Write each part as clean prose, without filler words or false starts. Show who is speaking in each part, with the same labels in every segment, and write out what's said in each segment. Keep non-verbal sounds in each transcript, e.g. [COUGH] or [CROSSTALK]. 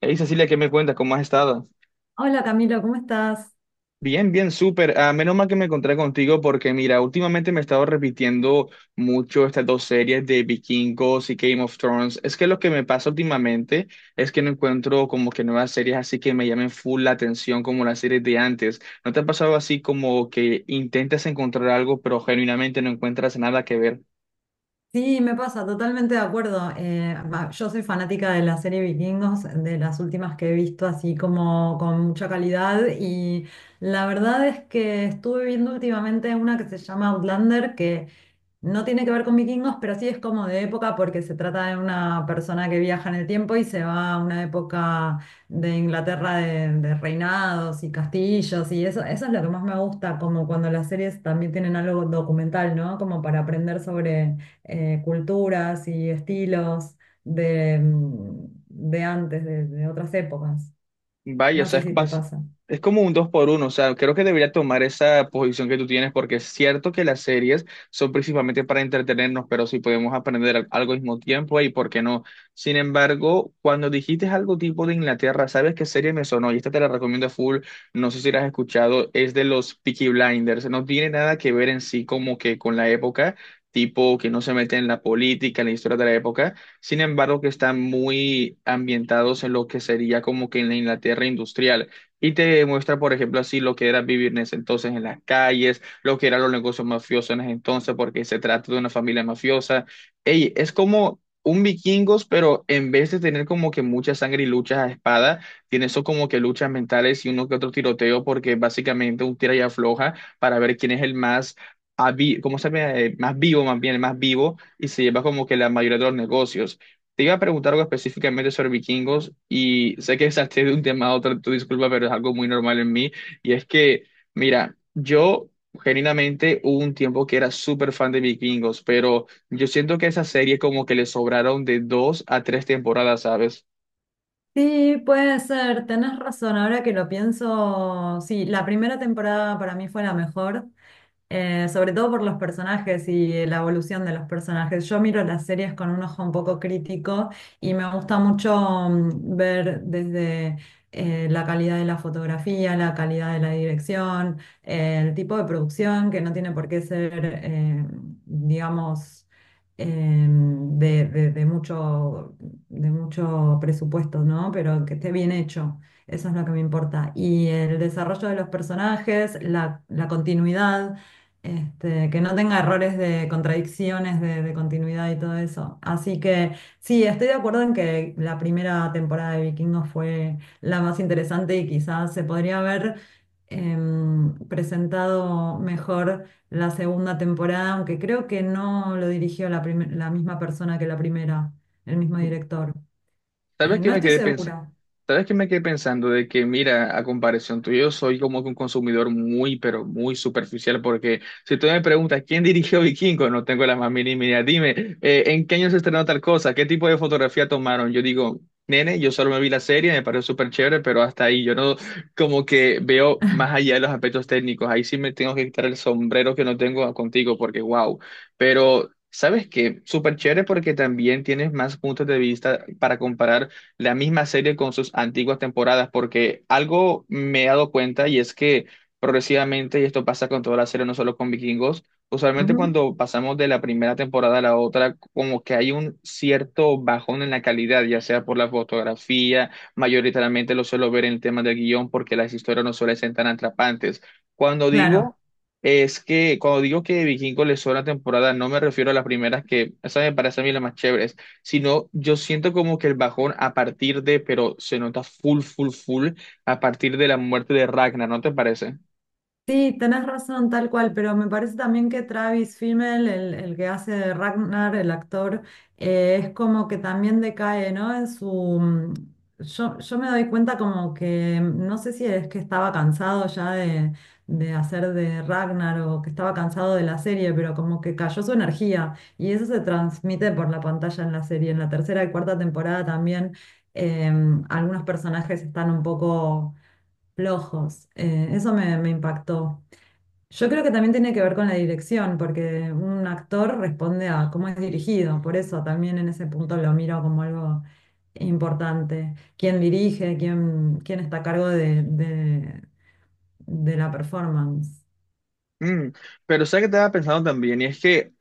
Speaker 1: Hey Cecilia, ¿qué me cuentas? ¿Cómo has estado?
Speaker 2: Hola Camilo, ¿cómo estás?
Speaker 1: Bien, bien, súper. Ah, menos mal que me encontré contigo porque, mira, últimamente me he estado repitiendo mucho estas dos series de Vikingos y Game of Thrones. Es que lo que me pasa últimamente es que no encuentro como que nuevas series así que me llamen full la atención como las series de antes. ¿No te ha pasado así como que intentas encontrar algo pero genuinamente no encuentras nada que ver?
Speaker 2: Sí, me pasa, totalmente de acuerdo. Yo soy fanática de la serie Vikingos, de las últimas que he visto así como con mucha calidad y la verdad es que estuve viendo últimamente una que se llama Outlander, que no tiene que ver con vikingos, pero sí es como de época porque se trata de una persona que viaja en el tiempo y se va a una época de Inglaterra de reinados y castillos y eso es lo que más me gusta, como cuando las series también tienen algo documental, ¿no? Como para aprender sobre culturas y estilos de antes, de otras épocas.
Speaker 1: Vaya, o
Speaker 2: No
Speaker 1: sea,
Speaker 2: sé si te pasa.
Speaker 1: es como un dos por uno. O sea, creo que debería tomar esa posición que tú tienes, porque es cierto que las series son principalmente para entretenernos, pero si podemos aprender algo al mismo tiempo, ¿y por qué no? Sin embargo, cuando dijiste algo tipo de Inglaterra, ¿sabes qué serie me sonó? Y esta te la recomiendo full, no sé si la has escuchado, es de los Peaky Blinders. No tiene nada que ver en sí como que con la época, tipo que no se mete en la política, en la historia de la época, sin embargo, que están muy ambientados en lo que sería como que en la Inglaterra industrial. Y te muestra, por ejemplo, así lo que era vivir en ese entonces en las calles, lo que eran los negocios mafiosos en ese entonces, porque se trata de una familia mafiosa. Ey, es como un vikingos, pero en vez de tener como que mucha sangre y luchas a espada, tiene eso como que luchas mentales y uno que otro tiroteo, porque básicamente un tira y afloja para ver quién es el más, ¿cómo se llama? Más vivo, más bien, el más vivo, y se lleva como que la mayoría de los negocios. Te iba a preguntar algo específicamente sobre vikingos y sé que [LAUGHS] salté de un tema a otro, tu disculpa, pero es algo muy normal en mí. Y es que, mira, yo genuinamente hubo un tiempo que era súper fan de vikingos, pero yo siento que esa serie como que le sobraron de dos a tres temporadas, ¿sabes?
Speaker 2: Sí, puede ser, tenés razón, ahora que lo pienso, sí, la primera temporada para mí fue la mejor, sobre todo por los personajes y la evolución de los personajes. Yo miro las series con un ojo un poco crítico y me gusta mucho, ver desde la calidad de la fotografía, la calidad de la dirección, el tipo de producción, que no tiene por qué ser, digamos, eh, de, de de mucho de mucho presupuesto, ¿no? Pero que esté bien hecho, eso es lo que me importa. Y el desarrollo de los personajes, la continuidad, que no tenga errores de contradicciones de continuidad y todo eso. Así que sí, estoy de acuerdo en que la primera temporada de Vikingos fue la más interesante y quizás se podría haber... presentado mejor la segunda temporada, aunque creo que no lo dirigió la misma persona que la primera, el mismo director.
Speaker 1: ¿Sabes qué
Speaker 2: No
Speaker 1: me
Speaker 2: estoy
Speaker 1: quedé
Speaker 2: segura.
Speaker 1: ¿Sabes qué me quedé pensando? De que, mira, a comparación tuyo, yo soy como que un consumidor muy, pero muy superficial, porque si tú me preguntas quién dirigió Vikingo, no tengo la más mínima idea. Dime, ¿en qué año se estrenó tal cosa? ¿Qué tipo de fotografía tomaron? Yo digo, nene, yo solo me vi la serie, me pareció súper chévere, pero hasta ahí yo no como que veo más allá de los aspectos técnicos. Ahí sí me tengo que quitar el sombrero que no tengo contigo, porque wow. Pero... ¿Sabes qué? Súper chévere porque también tienes más puntos de vista para comparar la misma serie con sus antiguas temporadas, porque algo me he dado cuenta y es que progresivamente, y esto pasa con toda la serie, no solo con Vikingos, usualmente
Speaker 2: Ujú.
Speaker 1: cuando pasamos de la primera temporada a la otra, como que hay un cierto bajón en la calidad, ya sea por la fotografía, mayoritariamente lo suelo ver en el tema del guión, porque las historias no suelen ser tan atrapantes. Cuando digo...
Speaker 2: Claro.
Speaker 1: Es que cuando digo que Vikingos les sobra temporada, no me refiero a las primeras, que esa me parece a mí la más chévere, sino yo siento como que el bajón a partir de, pero se nota full, full, full, a partir de la muerte de Ragnar, ¿no te parece?
Speaker 2: Sí, tenés razón, tal cual, pero me parece también que Travis Fimmel, el que hace de Ragnar, el actor, es como que también decae, ¿no? En su... mm, yo me doy cuenta como que, no sé si es que estaba cansado ya de hacer de Ragnar o que estaba cansado de la serie, pero como que cayó su energía y eso se transmite por la pantalla en la serie. En la tercera y cuarta temporada también algunos personajes están un poco flojos. Eso me impactó. Yo creo que también tiene que ver con la dirección, porque un actor responde a cómo es dirigido, por eso también en ese punto lo miro como algo importante. ¿Quién dirige? ¿Quién está a cargo de la performance?
Speaker 1: Mm, pero sabes que estaba pensando también, y es que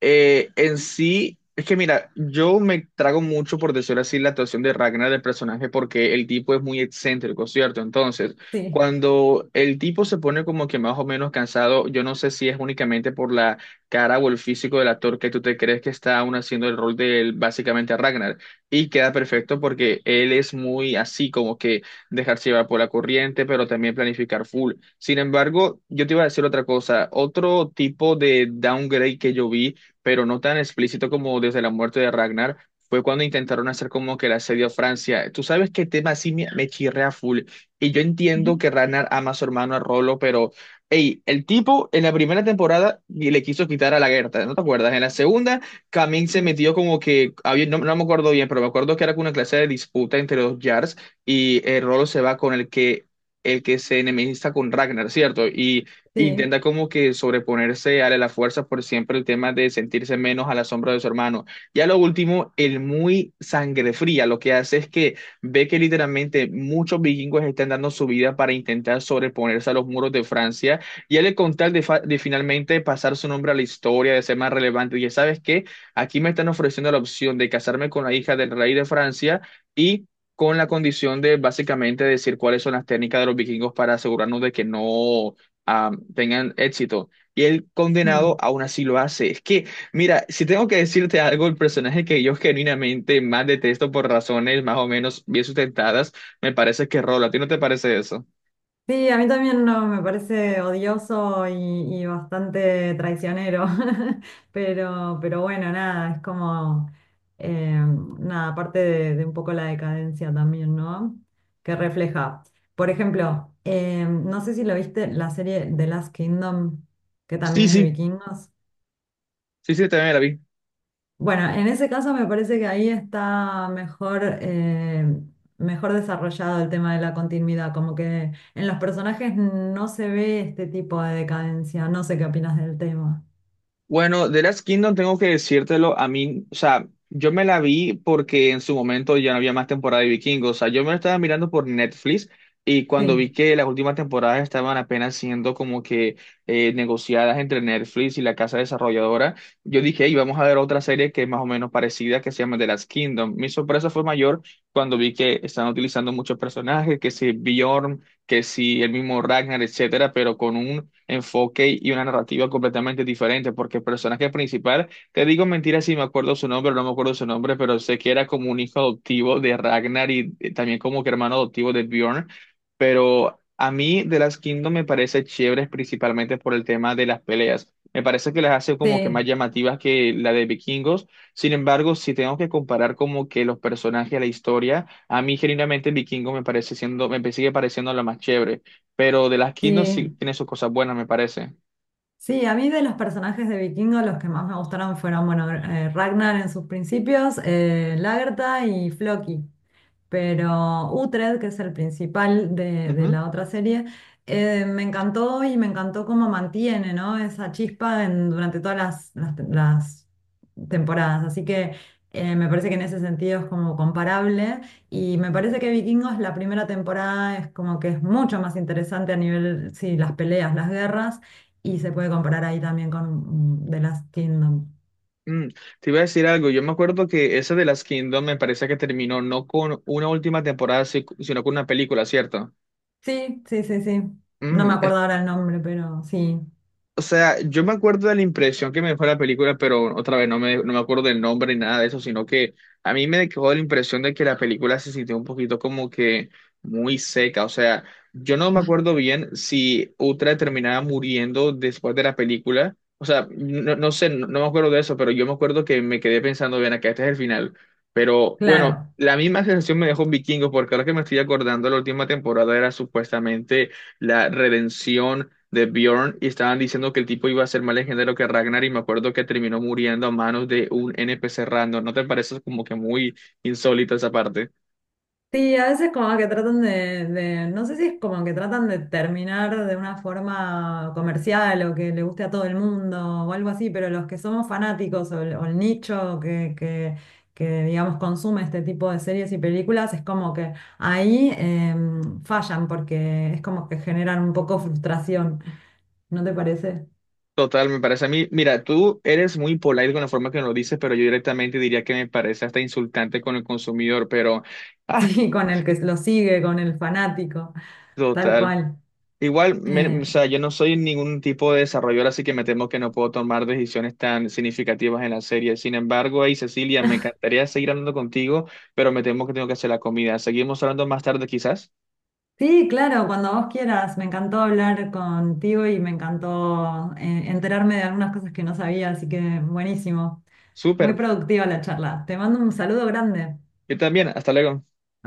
Speaker 1: en sí, es que mira, yo me trago mucho, por decirlo así, la actuación de Ragnar del personaje, porque el tipo es muy excéntrico, ¿cierto? Entonces,
Speaker 2: Sí.
Speaker 1: cuando el tipo se pone como que más o menos cansado, yo no sé si es únicamente por la cara o el físico del actor que tú te crees que está aún haciendo el rol de él, básicamente a Ragnar, y queda perfecto porque él es muy así, como que dejarse llevar por la corriente, pero también planificar full. Sin embargo, yo te iba a decir otra cosa, otro tipo de downgrade que yo vi, pero no tan explícito como desde la muerte de Ragnar. Fue cuando intentaron hacer como que el asedio a Francia. Tú sabes qué tema así me chirrea full. Y yo entiendo
Speaker 2: Ujú.
Speaker 1: que Ragnar ama a su hermano a Rolo, pero ey, el tipo en la primera temporada y le quiso quitar a la Gerta, ¿no te acuerdas? En la segunda, Camin se
Speaker 2: Sí,
Speaker 1: metió como que, no, no me acuerdo bien, pero me acuerdo que era como una clase de disputa entre los Jarls, y Rolo se va con el que se enemista con Ragnar, ¿cierto? Y
Speaker 2: sí.
Speaker 1: intenta como que sobreponerse a la fuerza por siempre el tema de sentirse menos a la sombra de su hermano. Y a lo último, el muy sangre fría lo que hace es que ve que literalmente muchos vikingos están dando su vida para intentar sobreponerse a los muros de Francia, y él con tal de, de finalmente pasar su nombre a la historia, de ser más relevante, y ya sabes que aquí me están ofreciendo la opción de casarme con la hija del rey de Francia, y con la condición de básicamente decir cuáles son las técnicas de los vikingos para asegurarnos de que no tengan éxito. Y el condenado
Speaker 2: Mm.
Speaker 1: aún así lo hace. Es que, mira, si tengo que decirte algo, el personaje que yo genuinamente más detesto por razones más o menos bien sustentadas, me parece que es Rolo. ¿A ti no te parece eso?
Speaker 2: Sí, a mí también no, me parece odioso y bastante traicionero, [LAUGHS] pero bueno, nada, es como, eh, nada, parte de un poco la decadencia también, ¿no? Que refleja. Por ejemplo, no sé si lo viste, la serie The Last Kingdom, que también
Speaker 1: Sí,
Speaker 2: es de
Speaker 1: sí.
Speaker 2: vikingos.
Speaker 1: Sí, sí, también la vi.
Speaker 2: Bueno, en ese caso me parece que ahí está mejor, mejor desarrollado el tema de la continuidad, como que en los personajes no se ve este tipo de decadencia. No sé qué opinas del tema.
Speaker 1: Bueno, The Last Kingdom tengo que decírtelo, a mí, o sea, yo me la vi porque en su momento ya no había más temporada de Vikingos. O sea, yo me la estaba mirando por Netflix, y cuando vi
Speaker 2: Sí,
Speaker 1: que las últimas temporadas estaban apenas siendo como que negociadas entre Netflix y la casa desarrolladora, yo dije, hey, vamos a ver otra serie que es más o menos parecida que se llama The Last Kingdom. Mi sorpresa fue mayor cuando vi que están utilizando muchos personajes, que si Bjorn, que si el mismo Ragnar, etcétera, pero con un enfoque y una narrativa completamente diferente, porque el personaje principal, te digo mentira si me acuerdo su nombre o no me acuerdo su nombre, pero sé que era como un hijo adoptivo de Ragnar y también como que hermano adoptivo de Bjorn, pero a mí The Last Kingdom me parece chévere principalmente por el tema de las peleas. Me parece que las hace como que más
Speaker 2: sí,
Speaker 1: llamativas que la de Vikingos. Sin embargo, si tengo que comparar como que los personajes, la historia, a mí, genuinamente, el vikingo me parece siendo, me sigue pareciendo la más chévere, pero de las Kingdoms
Speaker 2: sí.
Speaker 1: sí tiene sus cosas buenas, me parece.
Speaker 2: Sí, a mí de los personajes de Vikingo los que más me gustaron fueron, bueno, Ragnar en sus principios, Lagertha y Floki. Pero Utred, que es el principal de
Speaker 1: Ujú.
Speaker 2: la otra serie, me encantó y me encantó cómo mantiene, ¿no? esa chispa durante todas las temporadas. Así que me parece que en ese sentido es como comparable y me parece que Vikingos la primera temporada es como que es mucho más interesante a nivel, sí, las peleas, las guerras y se puede comparar ahí también con The Last Kingdom.
Speaker 1: Mm, te iba a decir algo, yo me acuerdo que esa de las Kingdoms me parece que terminó no con una última temporada, sino con una película, ¿cierto?
Speaker 2: Sí, sí, sí, sí. No me
Speaker 1: Mm,
Speaker 2: acuerdo ahora el nombre, pero sí,
Speaker 1: o sea, yo me acuerdo de la impresión que me dejó la película, pero otra vez no me acuerdo del nombre ni nada de eso, sino que a mí me dejó la impresión de que la película se sintió un poquito como que muy seca. O sea, yo no me acuerdo bien si Uhtred terminaba muriendo después de la película. O sea, no, no sé, no, no me acuerdo de eso, pero yo me acuerdo que me quedé pensando, bien, acá este es el final. Pero bueno,
Speaker 2: claro.
Speaker 1: la misma sensación me dejó Vikingos, porque ahora que me estoy acordando, la última temporada era supuestamente la redención de Bjorn, y estaban diciendo que el tipo iba a ser más legendario que Ragnar, y me acuerdo que terminó muriendo a manos de un NPC random. ¿No te parece como que muy insólito esa parte?
Speaker 2: Sí, a veces como que tratan no sé si es como que tratan de terminar de una forma comercial o que le guste a todo el mundo o algo así, pero los que somos fanáticos o o el nicho que, digamos, consume este tipo de series y películas, es como que ahí fallan porque es como que generan un poco frustración, ¿no te parece? [LAUGHS]
Speaker 1: Total, me parece a mí, mira, tú eres muy polite con la forma que nos lo dices, pero yo directamente diría que me parece hasta insultante con el consumidor, pero, ah,
Speaker 2: Sí, con el que lo sigue, con el fanático, tal
Speaker 1: total.
Speaker 2: cual.
Speaker 1: Igual, o
Speaker 2: Eh,
Speaker 1: sea, yo no soy ningún tipo de desarrollador, así que me temo que no puedo tomar decisiones tan significativas en la serie. Sin embargo, hey, Cecilia, me encantaría seguir hablando contigo, pero me temo que tengo que hacer la comida. Seguimos hablando más tarde, quizás.
Speaker 2: Sí, claro, cuando vos quieras. Me encantó hablar contigo y me encantó enterarme de algunas cosas que no sabía, así que buenísimo. Muy
Speaker 1: Súper.
Speaker 2: productiva la charla. Te mando un saludo grande.
Speaker 1: Yo también. Hasta luego.
Speaker 2: Hasta